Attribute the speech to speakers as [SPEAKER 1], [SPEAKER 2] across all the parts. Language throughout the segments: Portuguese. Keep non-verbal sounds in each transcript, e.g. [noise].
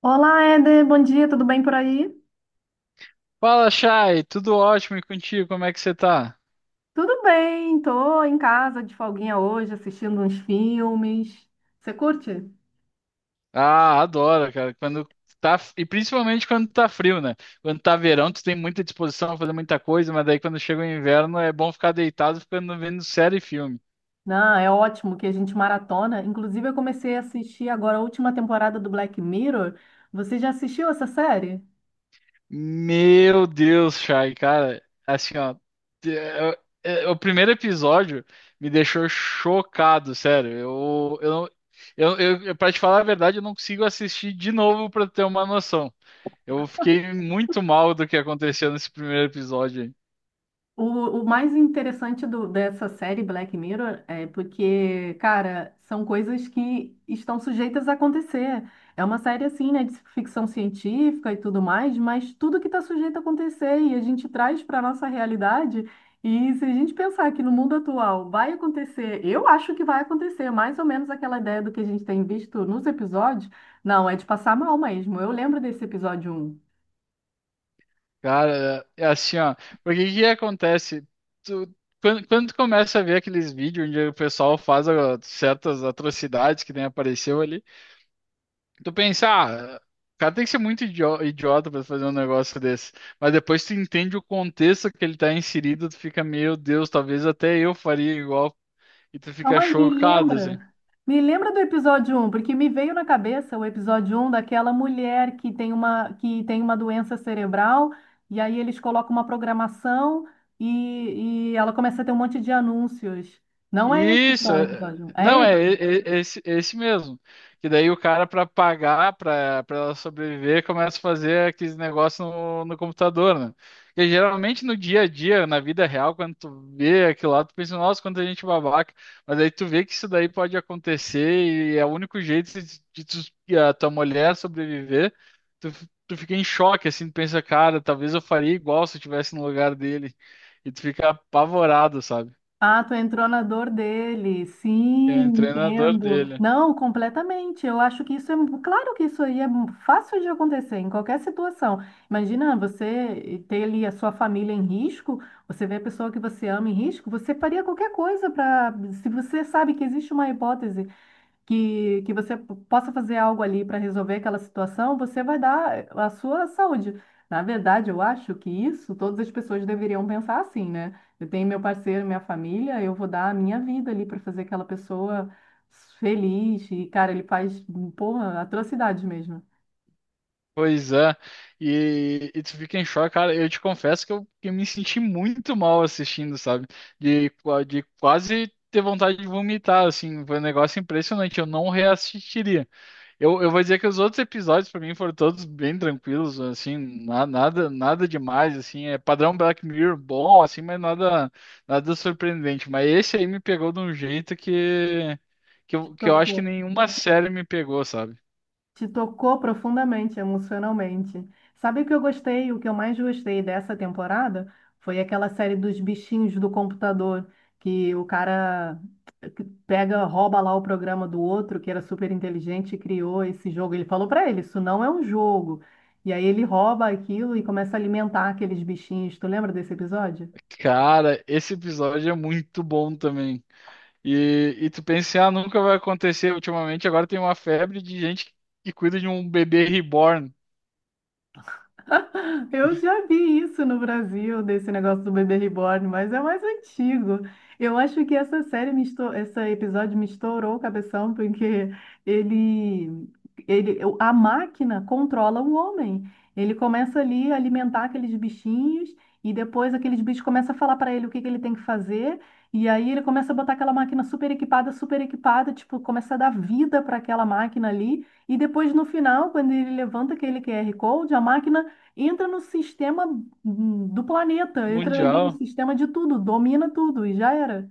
[SPEAKER 1] Olá, Éder, bom dia, tudo bem por aí?
[SPEAKER 2] Fala, Chay, tudo ótimo e contigo? Como é que você tá?
[SPEAKER 1] Tudo bem, tô em casa de folguinha hoje, assistindo uns filmes. Você curte?
[SPEAKER 2] Ah, adoro, cara. Quando tá, e principalmente quando tá frio, né? Quando tá verão, tu tem muita disposição a fazer muita coisa, mas daí quando chega o inverno é bom ficar deitado, ficando vendo série e filme.
[SPEAKER 1] Não, é ótimo que a gente maratona. Inclusive, eu comecei a assistir agora a última temporada do Black Mirror. Você já assistiu essa série?
[SPEAKER 2] Meu Deus, Chay, cara, assim, ó, é- o primeiro episódio me deixou chocado, sério. Eu, não- eu- pra te falar a verdade, eu não consigo assistir de novo pra ter uma noção. Eu fiquei muito mal do que aconteceu nesse primeiro episódio. Aí.
[SPEAKER 1] O, o mais interessante dessa série Black Mirror é porque, cara, são coisas que estão sujeitas a acontecer. É uma série assim, né, de ficção científica e tudo mais, mas tudo que está sujeito a acontecer e a gente traz para a nossa realidade. E se a gente pensar que no mundo atual vai acontecer, eu acho que vai acontecer, mais ou menos aquela ideia do que a gente tem visto nos episódios, não, é de passar mal mesmo. Eu lembro desse episódio 1.
[SPEAKER 2] Cara, é assim, ó, porque o que acontece? Tu, quando tu começa a ver aqueles vídeos onde o pessoal faz ó, certas atrocidades que nem apareceu ali. Tu pensar, ah, cara tem que ser muito idiota pra fazer um negócio desse. Mas depois tu entende o contexto que ele tá inserido, tu fica, meu Deus, talvez até eu faria igual. E tu fica
[SPEAKER 1] Calma aí, me
[SPEAKER 2] chocado, assim.
[SPEAKER 1] lembra. Me lembra do episódio um, porque me veio na cabeça o episódio um daquela mulher que tem uma doença cerebral, e aí eles colocam uma programação e ela começa a ter um monte de anúncios. Não é esse,
[SPEAKER 2] Isso,
[SPEAKER 1] então, o
[SPEAKER 2] é-
[SPEAKER 1] episódio um? É.
[SPEAKER 2] não, é, é- é é esse mesmo. Que daí o cara, para pagar, para ela sobreviver, começa a fazer aqueles negócios no computador, né? Porque geralmente no dia a dia, na vida real, quando tu vê aquilo lá, tu pensa, nossa, quanta gente babaca. Mas aí tu vê que isso daí pode acontecer e é o único jeito de a tua mulher sobreviver. Tu fica em choque, assim, tu pensa, cara, talvez eu faria igual se eu estivesse no lugar dele. E tu fica apavorado, sabe?
[SPEAKER 1] Ah, tu entrou na dor dele. Sim,
[SPEAKER 2] É o treinador
[SPEAKER 1] entendo.
[SPEAKER 2] dele.
[SPEAKER 1] Não, completamente. Eu acho que isso é, claro que isso aí é fácil de acontecer em qualquer situação. Imagina você ter ali a sua família em risco, você vê a pessoa que você ama em risco, você faria qualquer coisa para, se você sabe que existe uma hipótese que você possa fazer algo ali para resolver aquela situação, você vai dar a sua saúde. Na verdade, eu acho que isso todas as pessoas deveriam pensar assim, né? Eu tenho meu parceiro, minha família, eu vou dar a minha vida ali para fazer aquela pessoa feliz. E, cara, ele faz, porra, atrocidades mesmo.
[SPEAKER 2] Pois é. E tu fica em choque, cara. Eu te confesso que eu me senti muito mal assistindo, sabe? De quase ter vontade de vomitar, assim. Foi um negócio impressionante. Eu não reassistiria. Eu vou dizer que os outros episódios, pra mim, foram todos bem tranquilos, assim. Nada, nada demais, assim. É padrão Black Mirror bom, assim, mas nada, nada surpreendente. Mas esse aí me pegou de um jeito que, que
[SPEAKER 1] Te
[SPEAKER 2] eu, que eu acho que
[SPEAKER 1] tocou.
[SPEAKER 2] nenhuma série me pegou, sabe?
[SPEAKER 1] Te tocou profundamente, emocionalmente. Sabe o que eu gostei? O que eu mais gostei dessa temporada foi aquela série dos bichinhos do computador, que o cara pega, rouba lá o programa do outro, que era super inteligente, e criou esse jogo. Ele falou pra ele, isso não é um jogo. E aí ele rouba aquilo e começa a alimentar aqueles bichinhos. Tu lembra desse episódio?
[SPEAKER 2] Cara, esse episódio é muito bom também. E tu pensa, assim, ah, nunca vai acontecer. Ultimamente, agora tem uma febre de gente que cuida de um bebê reborn
[SPEAKER 1] Eu já vi isso no Brasil, desse negócio do bebê reborn, mas é mais antigo. Eu acho que essa série me estou, esse episódio me estourou o cabeção, porque ele, a máquina controla o homem. Ele começa ali a alimentar aqueles bichinhos e depois aqueles bichos começam a falar para ele o que que ele tem que fazer. E aí ele começa a botar aquela máquina super equipada, tipo, começa a dar vida para aquela máquina ali. E depois no final, quando ele levanta aquele QR Code, a máquina entra no sistema do planeta, entra ali no
[SPEAKER 2] mundial.
[SPEAKER 1] sistema de tudo, domina tudo e já era.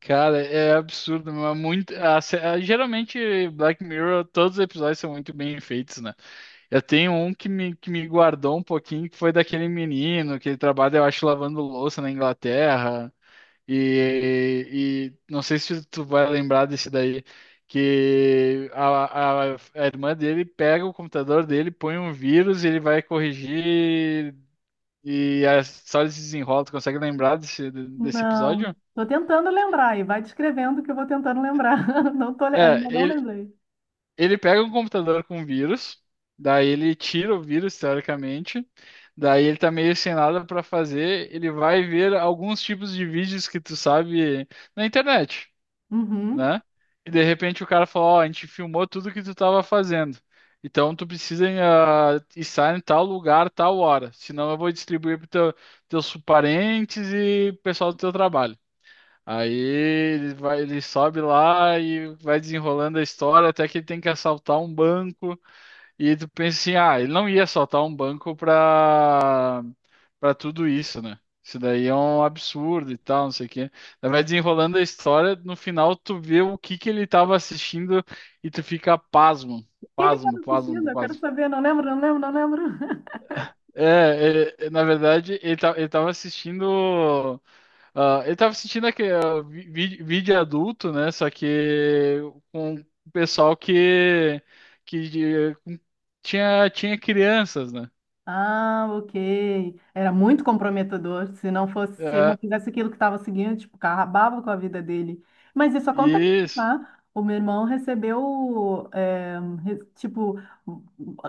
[SPEAKER 2] Cara, é absurdo, mas muito. Geralmente, Black Mirror, todos os episódios são muito bem feitos, né? Eu tenho um que me guardou um pouquinho, que foi daquele menino que ele trabalha, eu acho, lavando louça na Inglaterra. E não sei se tu vai lembrar desse daí, que a irmã dele pega o computador dele, põe um vírus e ele vai corrigir e a história se desenrola. Tu consegue lembrar desse
[SPEAKER 1] Não,
[SPEAKER 2] episódio?
[SPEAKER 1] tô tentando lembrar e vai descrevendo que eu vou tentando lembrar. [laughs] Não tô,
[SPEAKER 2] É,
[SPEAKER 1] ainda não
[SPEAKER 2] ele,
[SPEAKER 1] lembrei.
[SPEAKER 2] ele pega um computador com vírus, daí ele tira o vírus, teoricamente, daí ele tá meio sem nada pra fazer, ele vai ver alguns tipos de vídeos que tu sabe na internet.
[SPEAKER 1] Uhum.
[SPEAKER 2] Né?
[SPEAKER 1] O
[SPEAKER 2] E de repente o cara falou, ó, a gente filmou tudo que tu tava fazendo. Então tu precisa estar em tal lugar, tal hora. Senão eu vou distribuir para teus parentes e pessoal do teu trabalho. Aí ele vai, ele sobe lá e vai desenrolando a história até que ele tem que assaltar um banco. E tu pensa assim, ah, ele não ia soltar um banco pra tudo isso, né? Isso daí é um absurdo e tal, não sei o quê. Daí vai desenrolando a história, no final tu vê o que que ele tava assistindo e tu fica pasmo,
[SPEAKER 1] que que eu
[SPEAKER 2] pasmo,
[SPEAKER 1] tava
[SPEAKER 2] pasmo,
[SPEAKER 1] assistindo? Eu quero
[SPEAKER 2] pasmo.
[SPEAKER 1] saber, não lembro, não lembro, não lembro.
[SPEAKER 2] É, na verdade, ele tava assistindo. Ah, ele tava assistindo aquele, ah, vídeo adulto, né? Só que com o pessoal que tinha, tinha crianças, né?
[SPEAKER 1] Ah, ok. Era muito comprometedor. Se não fosse, se ele não
[SPEAKER 2] É,
[SPEAKER 1] fizesse aquilo que estava seguindo, tipo, acabava com a vida dele. Mas isso acontece,
[SPEAKER 2] isso.
[SPEAKER 1] tá? O meu irmão recebeu, tipo,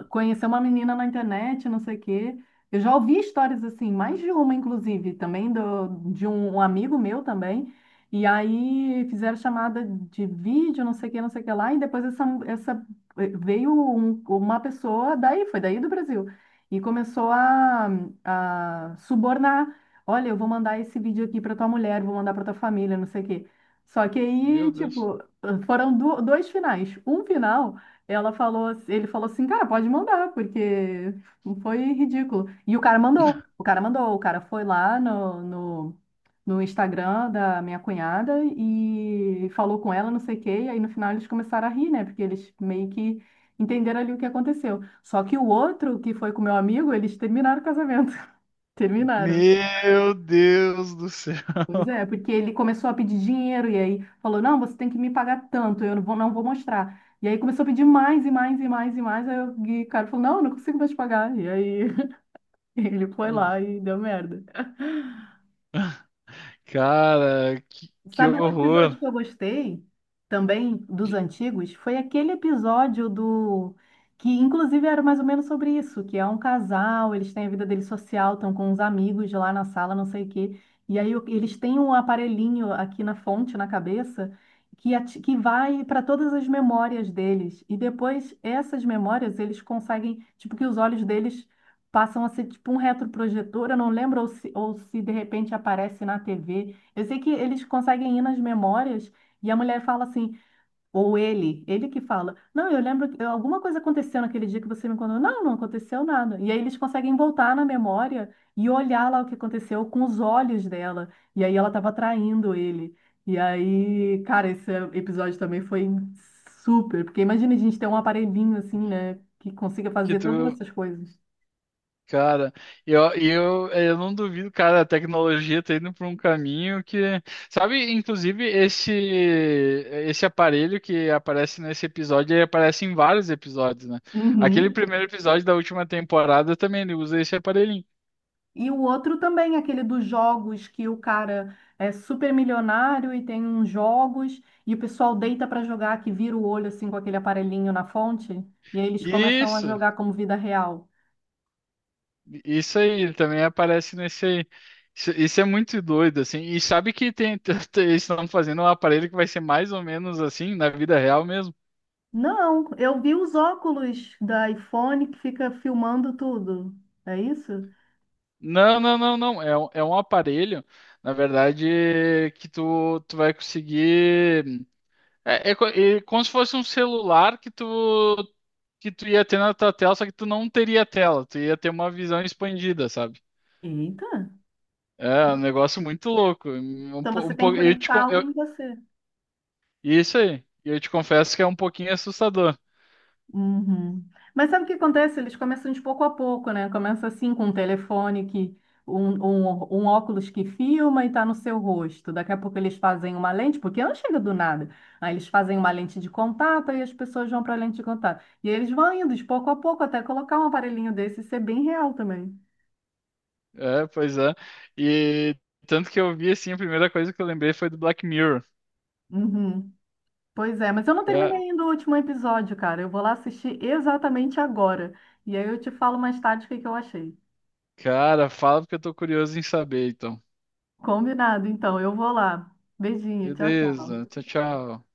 [SPEAKER 1] conheceu uma menina na internet, não sei o quê. Eu já ouvi histórias assim, mais de uma, inclusive, também de um amigo meu também. E aí fizeram chamada de vídeo, não sei o que, não sei o que lá, e depois veio uma pessoa daí, foi daí do Brasil. E começou a subornar. Olha, eu vou mandar esse vídeo aqui para tua mulher, vou mandar para tua família, não sei o quê. Só que
[SPEAKER 2] Meu
[SPEAKER 1] aí,
[SPEAKER 2] Deus.
[SPEAKER 1] tipo, foram dois finais. Um final, ela falou, ele falou assim, cara, pode mandar, porque foi ridículo. E o cara mandou, o cara mandou, o cara foi lá no Instagram da minha cunhada e falou com ela, não sei o quê, e aí no final eles começaram a rir, né? Porque eles meio que entenderam ali o que aconteceu. Só que o outro, que foi com meu amigo, eles terminaram o casamento. [laughs] Terminaram.
[SPEAKER 2] Meu Deus do céu.
[SPEAKER 1] Pois é, porque ele começou a pedir dinheiro e aí falou: não, você tem que me pagar tanto, eu não vou, não vou mostrar. E aí começou a pedir mais e mais e mais e mais. E o cara falou: não, eu não consigo mais te pagar. E aí [laughs] ele foi lá
[SPEAKER 2] [laughs]
[SPEAKER 1] e deu merda.
[SPEAKER 2] Cara, que
[SPEAKER 1] Sabe um episódio
[SPEAKER 2] horror.
[SPEAKER 1] que eu gostei também dos
[SPEAKER 2] De-
[SPEAKER 1] antigos? Foi aquele episódio do que inclusive era mais ou menos sobre isso, que é um casal, eles têm a vida deles social, estão com uns amigos lá na sala, não sei o quê. E aí o- eles têm um aparelhinho aqui na fonte, na cabeça, que, ati- que vai para todas as memórias deles. E depois essas memórias eles conseguem, tipo, que os olhos deles passam a ser tipo um retroprojetor, eu não lembro ou se de repente aparece na TV, eu sei que eles conseguem ir nas memórias e a mulher fala assim, ou ele que fala, não, eu lembro que alguma coisa aconteceu naquele dia que você me contou. Não, não aconteceu nada. E aí eles conseguem voltar na memória e olhar lá o que aconteceu com os olhos dela. E aí ela estava traindo ele. E aí, cara, esse episódio também foi super, porque imagina a gente ter um aparelhinho assim, né, que consiga
[SPEAKER 2] Que
[SPEAKER 1] fazer todas
[SPEAKER 2] tu,
[SPEAKER 1] essas coisas.
[SPEAKER 2] cara, eu não duvido, cara, a tecnologia tá indo por um caminho que, sabe, inclusive esse aparelho que aparece nesse episódio, ele aparece em vários episódios, né? Aquele
[SPEAKER 1] Uhum.
[SPEAKER 2] primeiro episódio da última temporada também ele usa esse aparelhinho.
[SPEAKER 1] E o outro também, aquele dos jogos, que o cara é super milionário e tem uns jogos, e o pessoal deita para jogar, que vira o olho assim com aquele aparelhinho na fonte, e aí eles começam a
[SPEAKER 2] Isso.
[SPEAKER 1] jogar como vida real.
[SPEAKER 2] Isso aí, ele também aparece nesse aí. Isso é muito doido, assim. E sabe que tem, [laughs] eles estão fazendo um aparelho que vai ser mais ou menos assim, na vida real mesmo.
[SPEAKER 1] Não, eu vi os óculos da iPhone que fica filmando tudo. É isso?
[SPEAKER 2] Não, não, não, não. É um aparelho, na verdade, tu vai conseguir. É como se fosse um celular que tu ia ter na tua tela, só que tu não teria tela, tu ia ter uma visão expandida, sabe?
[SPEAKER 1] Eita!
[SPEAKER 2] É um negócio muito louco.
[SPEAKER 1] Então você tem que conectar algo em você.
[SPEAKER 2] Isso aí. E eu te confesso que é um pouquinho assustador.
[SPEAKER 1] Uhum. Mas sabe o que acontece? Eles começam de pouco a pouco, né? Começa assim com um telefone que um óculos que filma e tá no seu rosto. Daqui a pouco eles fazem uma lente, porque não chega do nada. Aí eles fazem uma lente de contato e as pessoas vão para a lente de contato. E eles vão indo de pouco a pouco até colocar um aparelhinho desse e ser bem real também.
[SPEAKER 2] É, pois é. E tanto que eu vi assim, a primeira coisa que eu lembrei foi do Black Mirror.
[SPEAKER 1] Uhum. Pois é, mas eu não terminei
[SPEAKER 2] Ca-
[SPEAKER 1] ainda o último episódio, cara. Eu vou lá assistir exatamente agora. E aí eu te falo mais tarde o que que eu achei.
[SPEAKER 2] Cara, fala porque eu tô curioso em saber, então.
[SPEAKER 1] Combinado, então. Eu vou lá. Beijinho, tchau, tchau.
[SPEAKER 2] Beleza, tchau, tchau.